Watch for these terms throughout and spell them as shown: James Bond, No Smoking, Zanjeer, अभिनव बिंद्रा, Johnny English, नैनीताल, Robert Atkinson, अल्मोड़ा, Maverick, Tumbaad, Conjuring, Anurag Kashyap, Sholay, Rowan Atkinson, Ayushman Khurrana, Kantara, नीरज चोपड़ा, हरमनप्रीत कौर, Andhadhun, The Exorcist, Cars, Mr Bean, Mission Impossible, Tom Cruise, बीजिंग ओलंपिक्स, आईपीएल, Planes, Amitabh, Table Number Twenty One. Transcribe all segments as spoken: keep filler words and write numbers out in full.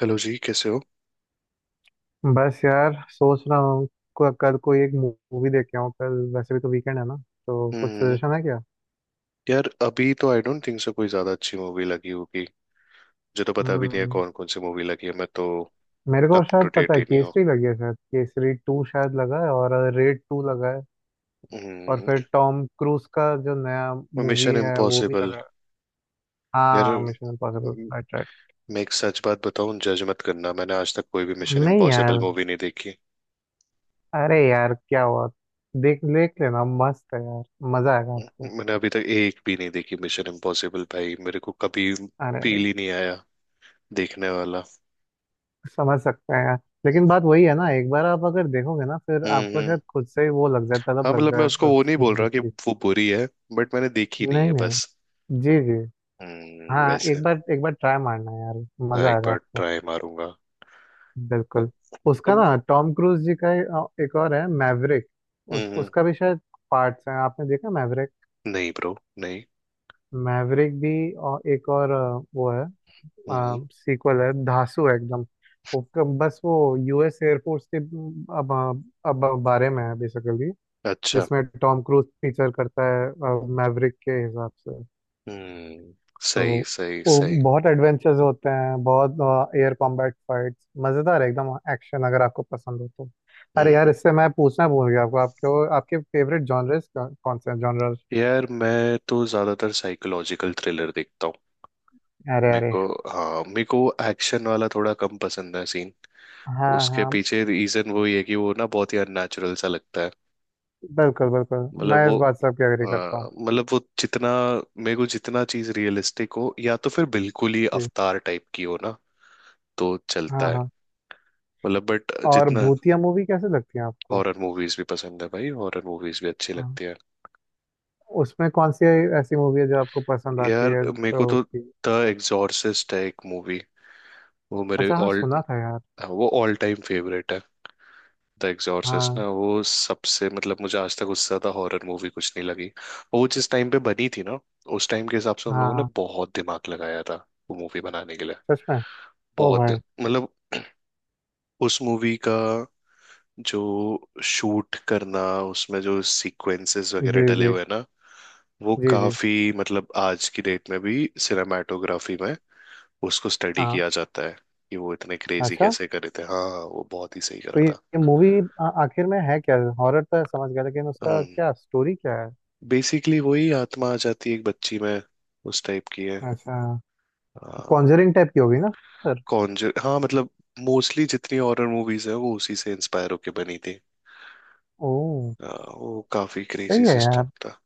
Hello जी, कैसे हो। बस यार सोच रहा हूँ। को- कल कोई एक मूवी देख के आऊँ। कल वैसे भी तो वीकेंड है ना, तो कुछ हम्म। सजेशन है क्या? यार, अभी तो आई डोंट थिंक सो कोई ज्यादा अच्छी मूवी लगी होगी। मुझे तो पता भी नहीं है हम्म, कौन कौन सी मूवी लगी है, मैं तो मेरे को अप टू शायद पता डेट है, ही नहीं हूँ। केसरी लगी है शायद, केसरी टू शायद लगा है, और रेड टू लगा है। और फिर हम्म। टॉम क्रूज का जो नया मूवी मिशन है वो भी इम्पॉसिबल। लगा है। यार, हाँ, मिशन इम्पॉसिबल। म- राइट, राइट। मैं एक सच बात बताऊं, जज मत करना, मैंने आज तक कोई भी मिशन नहीं इम्पॉसिबल यार, मूवी नहीं देखी। अरे यार क्या हुआ, देख देख लेना, मस्त है यार। मजा आएगा आपको। मैंने अभी तक एक भी नहीं देखी मिशन इम्पॉसिबल, भाई मेरे को कभी अरे, फील ही नहीं आया देखने वाला। समझ सकते हैं। लेकिन बात वही है ना, एक बार आप अगर देखोगे ना, फिर हम्म आपको हम्म। शायद खुद से ही वो लग जाए, हाँ तलब लग मतलब मैं जाए उसको वो उस नहीं बोल मूवी रहा कि की। वो बुरी है, बट मैंने देखी नहीं नहीं है बस। नहीं, जी जी। हम्म हाँ, वैसे एक बार एक बार ट्राई मारना यार, हाँ, मजा एक आएगा बार आपको। ट्राई मारूंगा। बिल्कुल। उसका अम, ना टॉम क्रूज जी का, अ, एक और है मैवरिक। उस हम्म। उसका भी शायद पार्ट्स हैं, आपने देखा मैवरिक? नहीं ब्रो, नहीं। मैवरिक भी, और एक और अ, वो है, हम्म। सीक्वल है, धांसू है एकदम। वो क- बस वो यूएस एयरफोर्स के अब अब बारे में है बेसिकली, अच्छा। जिसमें टॉम क्रूज फीचर करता है मैवरिक के हिसाब से। हम्म। सही तो सही वो सही। बहुत एडवेंचर्स होते हैं, बहुत एयर कॉम्बैट फाइट्स, मज़ेदार है एकदम, एक्शन अगर आपको पसंद हो तो। अरे यार, हम्म इससे मैं पूछना भूल गया आपको, आपके आपके फेवरेट जॉनर्स कौन से हैं, जॉनर्स? यार, मैं तो ज्यादातर साइकोलॉजिकल थ्रिलर देखता हूँ। अरे मेरे अरे। को, हाँ मेरे को एक्शन वाला थोड़ा कम पसंद है सीन। हाँ उसके हाँ। पीछे रीजन वो ही है कि वो ना बहुत ही अननेचुरल सा लगता है। बिल्कुल बिल्कुल, मैं मतलब इस वो, बात से आपकी एग्री करता हूँ। हाँ, मतलब वो जितना, मेरे को जितना चीज रियलिस्टिक हो या तो फिर बिल्कुल ही जी। अवतार टाइप की हो ना, तो चलता हाँ है। हाँ। मतलब बट और जितना, भूतिया मूवी कैसे लगती है आपको? हॉरर मूवीज भी पसंद है भाई, हॉरर मूवीज भी अच्छी हाँ। लगती है। उसमें कौन सी ऐसी मूवी है जो आपको पसंद आती यार है मेरे को तो? तो द एग्जॉर्सिस्ट है एक मूवी, वो मेरे अच्छा, हाँ ऑल, सुना था यार। वो ऑल टाइम फेवरेट है। द एग्जॉर्सिस्ट हाँ। ना वो सबसे मतलब मुझे आज तक उससे ज्यादा हॉरर मूवी कुछ नहीं लगी, और वो जिस टाइम पे बनी थी ना, उस टाइम के हिसाब से उन लोगों ने हाँ। बहुत दिमाग लगाया था वो मूवी बनाने के लिए। सच में। ओ बहुत, भाई। मतलब उस मूवी का, जो शूट करना, उसमें जो सीक्वेंसेस वगैरह जी डले जी हुए हैं ना, वो जी जी। काफी, मतलब आज की डेट में भी सिनेमाटोग्राफी में उसको स्टडी हाँ। किया जाता है कि वो इतने क्रेजी अच्छा, कैसे करे थे। हाँ हाँ, वो बहुत ही सही करा तो ये, था। ये मूवी आखिर में है क्या? हॉरर तो है, समझ गया, लेकिन उसका हम्म। क्या स्टोरी क्या है? बेसिकली वही आत्मा आ जाती है एक बच्ची में, उस टाइप की है। अच्छा। तो हाँ। कॉन्जरिंग टाइप की होगी ना सर? कॉन्जर, हाँ मतलब मोस्टली जितनी हॉरर मूवीज है वो उसी से इंस्पायर होके बनी थी। ओ। हाँ, वो काफी क्रेजी सही है सिस्टम यार। था।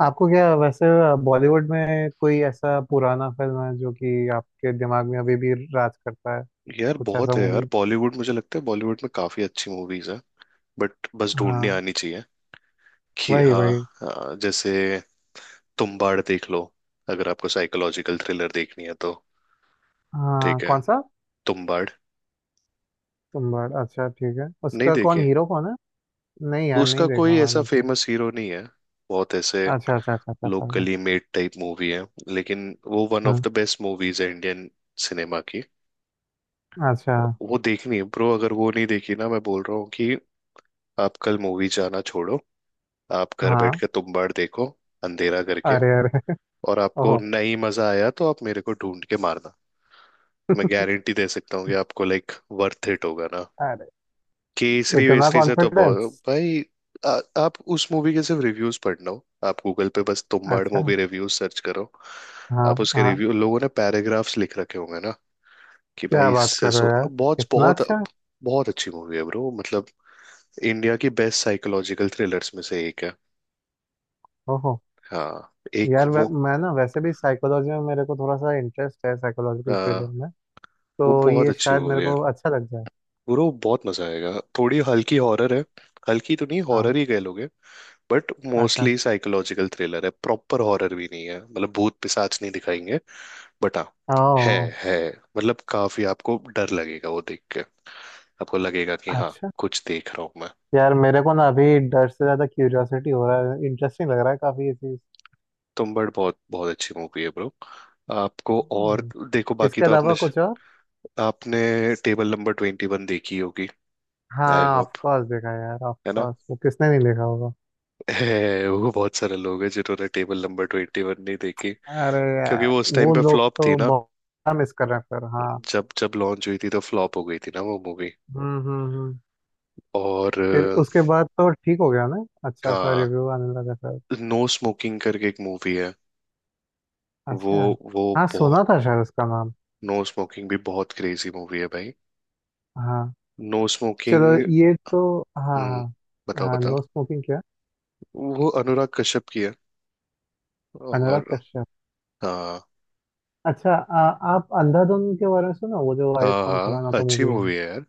आपको क्या वैसे बॉलीवुड में कोई ऐसा पुराना फिल्म है जो कि आपके दिमाग में अभी भी राज करता है? यार कुछ ऐसा बहुत है यार, मूवी। बॉलीवुड मुझे लगता है बॉलीवुड में काफी अच्छी मूवीज है, बट बस ढूंढनी हाँ। आनी चाहिए कि वही हाँ। वही। हाँ, जैसे तुम्बाड़ देख लो, अगर आपको साइकोलॉजिकल थ्रिलर देखनी है तो। हाँ ठीक है, कौन सा? तुम्बाड़। तुम्बाड़, अच्छा ठीक है। नहीं उसका कौन, देखे। हीरो कौन है? नहीं यार, नहीं उसका कोई देखा ऐसा मैंने तो। फेमस हीरो नहीं है, बहुत ऐसे अच्छा अच्छा अच्छा अच्छा, समझा। लोकली मेड टाइप मूवी है, लेकिन वो वन ऑफ हम्म। द बेस्ट मूवीज है इंडियन सिनेमा की। अच्छा। वो देखनी है ब्रो, अगर वो नहीं देखी ना, मैं बोल रहा हूँ कि आप कल मूवी जाना छोड़ो, आप घर बैठ हाँ। के तुम बाड़ देखो, अंधेरा करके। अरे अरे। और आपको ओहो। नहीं मजा आया तो आप मेरे को ढूंढ के मारना। मैं गारंटी दे सकता हूँ कि आपको लाइक वर्थ इट होगा ना, अरे। केसरी इतना वेसरी से तो बहुत कॉन्फिडेंस। भाई। आ, आप उस मूवी के सिर्फ रिव्यूज पढ़ना हो, आप गूगल पे बस तुम बाड़ अच्छा। मूवी रिव्यूज सर्च करो। हाँ। आप उसके हाँ रिव्यू लोगों ने पैराग्राफ्स लिख रखे होंगे ना कि क्या भाई बात इससे कर रहे हो सो यार, बहुत इतना बहुत। अच्छा। बहुत अच्छी मूवी है ब्रो, मतलब इंडिया की बेस्ट साइकोलॉजिकल थ्रिलर्स में से एक है। ओहो। हाँ, एक यार मैं, वो। मैं ना वैसे भी साइकोलॉजी में मेरे को थोड़ा सा इंटरेस्ट है, साइकोलॉजिकल थ्रिलर हाँ। में। वो तो बहुत ये अच्छी शायद मेरे मूवी है को अच्छा लग जाए। ब्रो, बहुत मजा आएगा। थोड़ी हल्की हॉरर है, हल्की तो नहीं हाँ। हॉरर ही कह लोगे। बट अच्छा। मोस्टली साइकोलॉजिकल थ्रिलर है, प्रॉपर हॉरर भी नहीं है, मतलब भूत पिशाच नहीं दिखाएंगे। बट हाँ, है ओह। है मतलब काफी आपको डर लगेगा वो देख के। आपको लगेगा कि हाँ अच्छा। कुछ देख रहा हूँ मैं। यार मेरे को ना अभी डर से ज़्यादा क्यूरियोसिटी हो रहा है, इंटरेस्टिंग लग रहा है काफ़ी ये चीज़। तुम्बाड़ बहुत बहुत अच्छी मूवी है ब्रो। आपको और, हम्म, देखो बाकी इसके तो आपने, अलावा कुछ और? आपने टेबल नंबर ट्वेंटी वन देखी होगी, आई हाँ ऑफ होप। कोर्स, देखा है यार, ऑफ है ना? कोर्स, वो किसने नहीं देखा होगा। है, वो बहुत सारे लोग हैं जिन्होंने टेबल नंबर ट्वेंटी वन नहीं देखी, अरे क्योंकि यार, वो उस टाइम वो पे लोग फ्लॉप थी तो ना। बहुत मिस कर रहे हैं फिर। हाँ जब जब लॉन्च हुई थी तो फ्लॉप हो गई थी ना वो मूवी। हम्म हम्म हम्म। और फिर अ, उसके बाद तो ठीक हो गया ना, अच्छा सा हाँ, रिव्यू आने लगा फिर। नो स्मोकिंग करके एक मूवी है। वो अच्छा। वो हाँ सुना बहुत, था शायद उसका नाम। नो स्मोकिंग भी बहुत क्रेजी मूवी है भाई। हाँ, नो चलो स्मोकिंग। ये तो। हाँ हम्म। हाँ। बताओ हाँ बताओ। नो स्मोकिंग क्या? वो अनुराग कश्यप की है। अनुराग और कश्यप। हाँ अच्छा। आ, आप अंधाधुन के बारे में सुना, वो जो हाँ, आयुष्मान हाँ खुराना का अच्छी मूवी है? मूवी है यार।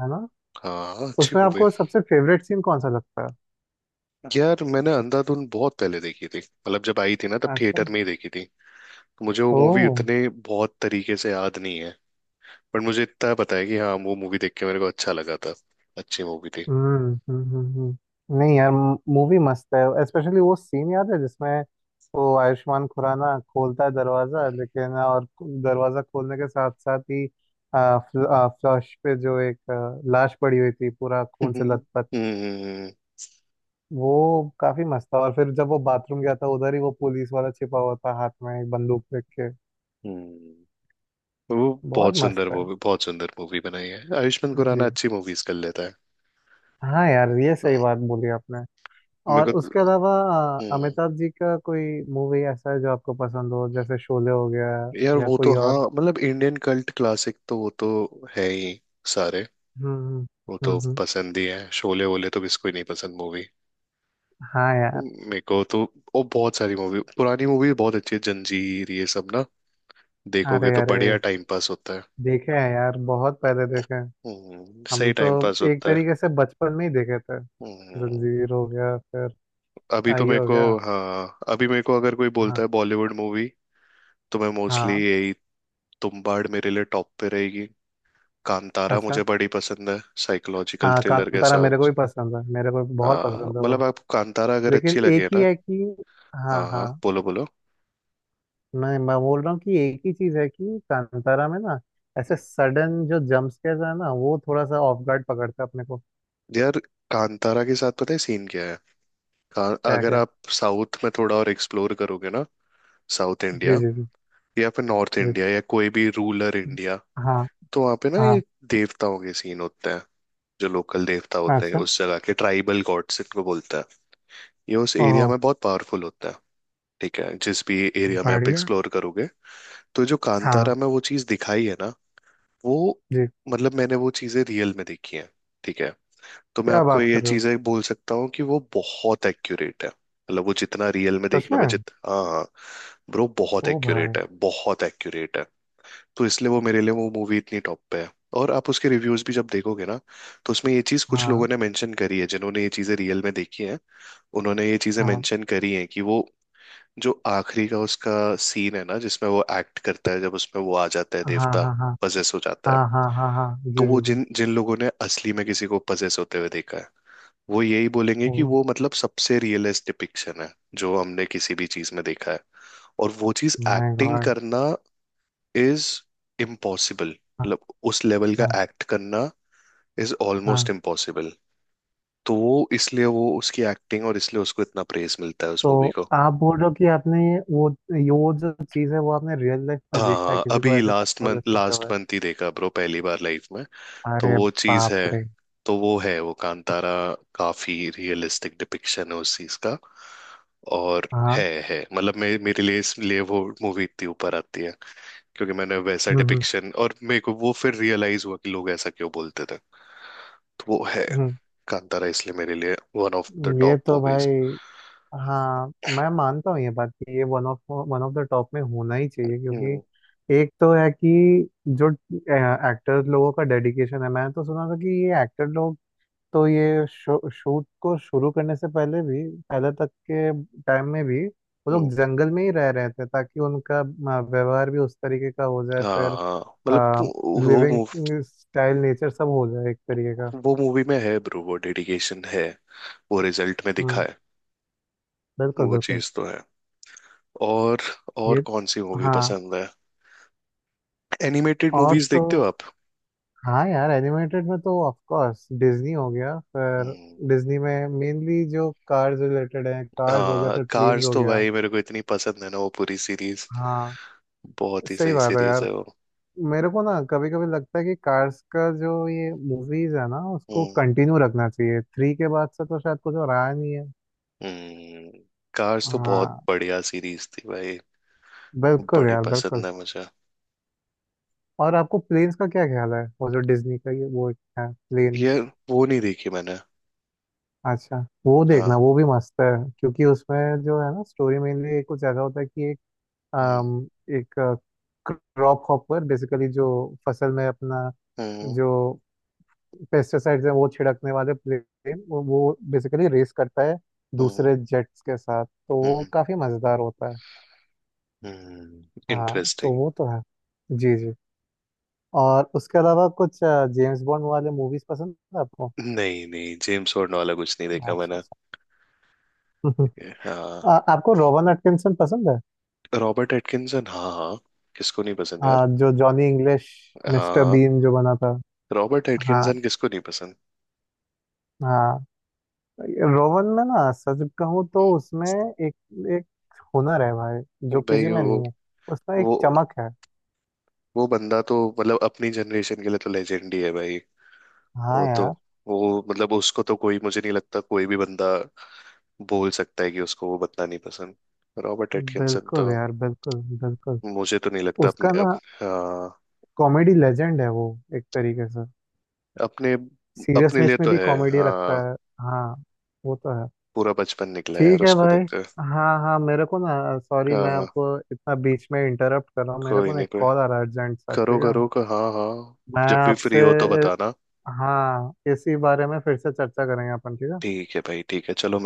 है ना। हाँ अच्छी उसमें मूवी। आपको सबसे फेवरेट सीन कौन सा लगता यार मैंने अंधाधुन बहुत पहले देखी थी, मतलब जब आई थी ना तब है? अच्छा। थिएटर में ही देखी थी, तो मुझे वो मूवी ओ। उतने बहुत तरीके से याद नहीं है। पर मुझे इतना पता है कि हाँ वो मूवी देख के मेरे को अच्छा लगा था। अच्छी मूवी थी। हम्म हम्म हम्म, हम्म। नहीं यार, मूवी मस्त है। स्पेशली वो सीन याद है जिसमें वो आयुष्मान खुराना खोलता है दरवाजा, लेकिन और दरवाजा खोलने के साथ साथ ही आ, फ्ल, आ, फ्लश पे जो एक आ, लाश पड़ी हुई थी, पूरा खून से हम्म लथपथ। हम्म वो काफी मस्त था। और फिर जब वो बाथरूम गया था, उधर ही वो पुलिस वाला छिपा हुआ था, हाथ में एक बंदूक रख के। हम्म। वो बहुत बहुत मस्त सुंदर है। मूवी, बहुत सुंदर मूवी बनाई है आयुष्मान खुराना, जी। अच्छी मूवीज कर लेता है। हाँ यार, ये सही हाँ, बात बोली आपने। और मेरे को उसके तो— अलावा अ, हम्म, अमिताभ जी का कोई मूवी ऐसा है जो आपको पसंद हो, जैसे शोले हो गया यार या वो तो कोई हाँ और? मतलब इंडियन कल्ट क्लासिक तो वो तो है ही सारे। हम्म वो हम्म तो हम्म, पसंद ही है, शोले वोले तो किसको ही नहीं पसंद मूवी। हाँ यार। मेरे को तो वो बहुत सारी मूवी, पुरानी मूवी बहुत अच्छी है, जंजीर, ये सब ना अरे देखोगे तो अरे, बढ़िया टाइम पास होता है। देखे हैं यार, बहुत पहले देखे हैं। हम्म, सही हम तो टाइम पास एक होता है। तरीके से बचपन में ही देखे थे। हम्म। जंजीर हो गया, फिर अभी अ, तो ये मेरे हो को, गया। हाँ अभी मेरे को अगर कोई हाँ बोलता है बॉलीवुड मूवी, तो मैं मोस्टली हाँ। यही, तुम्बाड़ मेरे लिए टॉप पे रहेगी। कांतारा अच्छा। मुझे बड़ी पसंद है साइकोलॉजिकल हाँ थ्रिलर के कांतारा हिसाब मेरे को भी से। पसंद है, मेरे को भी बहुत हाँ पसंद है मतलब वो। आप कांतारा अगर लेकिन अच्छी लगे एक ही ना, है कि, हाँ हाँ हाँ हाँ, बोलो बोलो। मैं मैं बोल रहा हूँ कि एक ही चीज है कि कांतारा में ना, ऐसे सडन जो जंप स्केयर है ना, वो थोड़ा सा ऑफ गार्ड पकड़ता है अपने को। यार कांतारा के साथ पता है सीन क्या है। का- क्या अगर क्या? आप साउथ में थोड़ा और एक्सप्लोर करोगे ना, साउथ जी इंडिया, जी जी। या फिर नॉर्थ जी। इंडिया, या कोई भी रूरल इंडिया, हाँ। तो वहाँ पे ना ये हाँ। देवताओं के सीन होते हैं, जो लोकल देवता होते हैं अच्छा। उस जगह के, ट्राइबल गॉड्स इनको बोलते हैं। ये उस एरिया ओहो। में बहुत पावरफुल होता है। ठीक है, जिस भी एरिया में आप बढ़िया। एक्सप्लोर करोगे, तो जो हाँ। कांतारा में वो चीज़ दिखाई है ना, वो, जी। मतलब मैंने वो चीज़ें रियल में देखी हैं। ठीक है, तो मैं क्या आपको बात ये कर रहे हो, चीजें बोल सकता हूँ कि वो बहुत एक्यूरेट है, मतलब वो जितना रियल में सच देखने में में। जित, हाँ हाँ, ब्रो बहुत ओ भाई। एक्यूरेट है, बहुत एक्यूरेट है। तो इसलिए वो मेरे लिए वो मूवी इतनी टॉप पे है। और आप उसके रिव्यूज भी जब देखोगे ना, तो उसमें ये चीज कुछ हाँ लोगों ने मेंशन करी है जिन्होंने ये चीजें रियल में देखी हैं। उन्होंने ये चीजें हाँ मेंशन करी हैं कि वो जो आखिरी का उसका सीन है ना, जिसमें वो एक्ट करता है, जब उसमें वो आ जाता है हाँ देवता, हाँ। हाँ पजेस हो जाता है। हाँ हाँ हाँ हाँ जी तो वो जी जी। जिन जिन लोगों ने असली में किसी को पजेस होते हुए देखा है, वो यही बोलेंगे ओ कि वो, मतलब सबसे रियलिस्ट डिपिक्शन है जो हमने किसी भी चीज में देखा है। और वो चीज माय एक्टिंग गॉड। करना इज इम्पॉसिबल, हाँ। मतलब उस लेवल का हाँ। एक्ट करना इज ऑलमोस्ट हाँ। इम्पॉसिबल। तो वो इसलिए वो उसकी एक्टिंग, और इसलिए उसको इतना प्रेज मिलता है उस तो मूवी को। आप बोल रहे हो कि आपने ये वो, ये वो जो चीज़ है वो आपने रियल लाइफ में देखा है, हाँ किसी को अभी ऐसे लास्ट मंथ, पॉजेस होते लास्ट हुए? मंथ ही देखा ब्रो, पहली बार लाइफ में। तो अरे वो चीज बाप है। रे। तो वो है वो कांतारा, काफी रियलिस्टिक डिपिक्शन है उस चीज का। और है हाँ। है मतलब मे, मेरे लिए इसलिए वो मूवी इतनी ऊपर आती है, क्योंकि मैंने वैसा हम्म। डिपिक्शन, और मेरे को वो फिर रियलाइज हुआ कि लोग ऐसा क्यों बोलते थे। तो वो है। हम्म कांतारा इसलिए मेरे लिए वन ऑफ द हम्म। ये टॉप तो मूवीज। भाई, हाँ मैं मानता हूँ ये बात कि ये one of, one of the top में होना ही चाहिए क्योंकि हम्म एक तो है कि जो एक्टर्स लोगों का डेडिकेशन है, मैंने तो सुना था कि ये एक्टर लोग तो ये शूट को शुरू करने से पहले भी, पहले तक के टाइम में भी वो लोग हम्म। जंगल में ही रह रहे थे ताकि उनका अ, व्यवहार भी उस तरीके का हो जाए हाँ फिर, हाँ, मतलब वो वो मूव, लिविंग स्टाइल नेचर सब हो जाए एक तरीके का। वो मूवी में है ब्रो, वो डेडिकेशन है, वो रिजल्ट में दिखा हम्म। है। बिल्कुल वो बिल्कुल। चीज तो है। और और ये, कौन सी मूवी हाँ। पसंद है? एनिमेटेड और मूवीज तो, देखते हो आप? हाँ यार एनिमेटेड में तो ऑफ कोर्स डिज्नी हो गया फिर। हम्म। डिज्नी में मेनली जो कार्स रिलेटेड है, कार्स हो गया, हाँ फिर प्लेन्स कार्स हो तो गया। भाई मेरे को इतनी पसंद है ना वो पूरी सीरीज, हाँ बहुत ही सही सही बात है सीरीज यार। है वो। मेरे को ना कभी कभी लगता है कि कार्स का जो ये मूवीज है ना, उसको हम्म कंटिन्यू रखना चाहिए। थ्री के बाद से तो शायद कुछ और आया नहीं है। हम्म, कार्स तो बहुत हाँ बढ़िया सीरीज थी भाई, बिल्कुल बड़ी यार बिल्कुल। पसंद है मुझे। और आपको प्लेन्स का क्या ख्याल है, वो जो डिज्नी का ये वो है प्लेन्स? ये वो नहीं देखी मैंने। अच्छा, वो हाँ। देखना, वो भी मस्त है। क्योंकि उसमें जो है ना, स्टोरी मेनली एक कुछ ज्यादा होता है कि एक हम्म अम, एक क्रॉप हॉपर बेसिकली जो फसल में अपना हम्म जो पेस्टिसाइड्स हैं वो छिड़कने वाले प्लेन, वो, वो बेसिकली रेस करता है हम्म दूसरे जेट्स के साथ, तो वो हम्म। काफी मजेदार होता है। हम्म, हाँ तो इंटरेस्टिंग। वो तो है। जी जी। और उसके अलावा कुछ जेम्स बॉन्ड वाले मूवीज पसंद है आपको? नहीं नहीं, जेम्स बॉन्ड वाला कुछ नहीं देखा अच्छा मैंने। अच्छा। आ, हाँ। आपको रोवन एटकिंसन पसंद है? रॉबर्ट एटकिंसन हाँ हाँ, किसको नहीं पसंद यार। हाँ, जो जॉनी इंग्लिश, मिस्टर हाँ। बीन जो बना था। रॉबर्ट हाँ। एटकिंसन किसको नहीं पसंद? हाँ। रोवन में ना सच कहूँ तो उसमें एक, एक हुनर है भाई जो किसी भाई में वो नहीं है। उसमें एक वो चमक है। वो बंदा तो मतलब अपनी जनरेशन के लिए तो लेजेंड ही है भाई। हाँ वो तो, यार। वो मतलब उसको तो कोई मुझे नहीं लगता कोई भी बंदा बोल सकता है कि उसको वो बंदा नहीं पसंद, रॉबर्ट एटकिंसन तो। बिल्कुल यार बिल्कुल बिल्कुल। मुझे तो नहीं लगता उसका अपने अप, ना, हाँ कॉमेडी लेजेंड है वो, एक तरीके से। अपने, अपने लिए सीरियसनेस में तो भी है कॉमेडी रखता हाँ। है। हाँ, वो तो है। पूरा बचपन निकला है यार ठीक है उसको भाई। देखते हुए। हाँ हाँ, मेरे को ना सॉरी, हाँ मैं हाँ, आपको इतना बीच में इंटरप्ट कर रहा हूँ। मेरे कोई को ना नहीं, एक कोई कॉल आ रहा है अर्जेंट सा, करो ठीक है? करो का हाँ हाँ। मैं जब भी आपसे, फ्री हो तो बताना। हाँ इसी बारे में फिर से चर्चा करेंगे अपन, ठीक है। ठीक है भाई, ठीक है, चलो।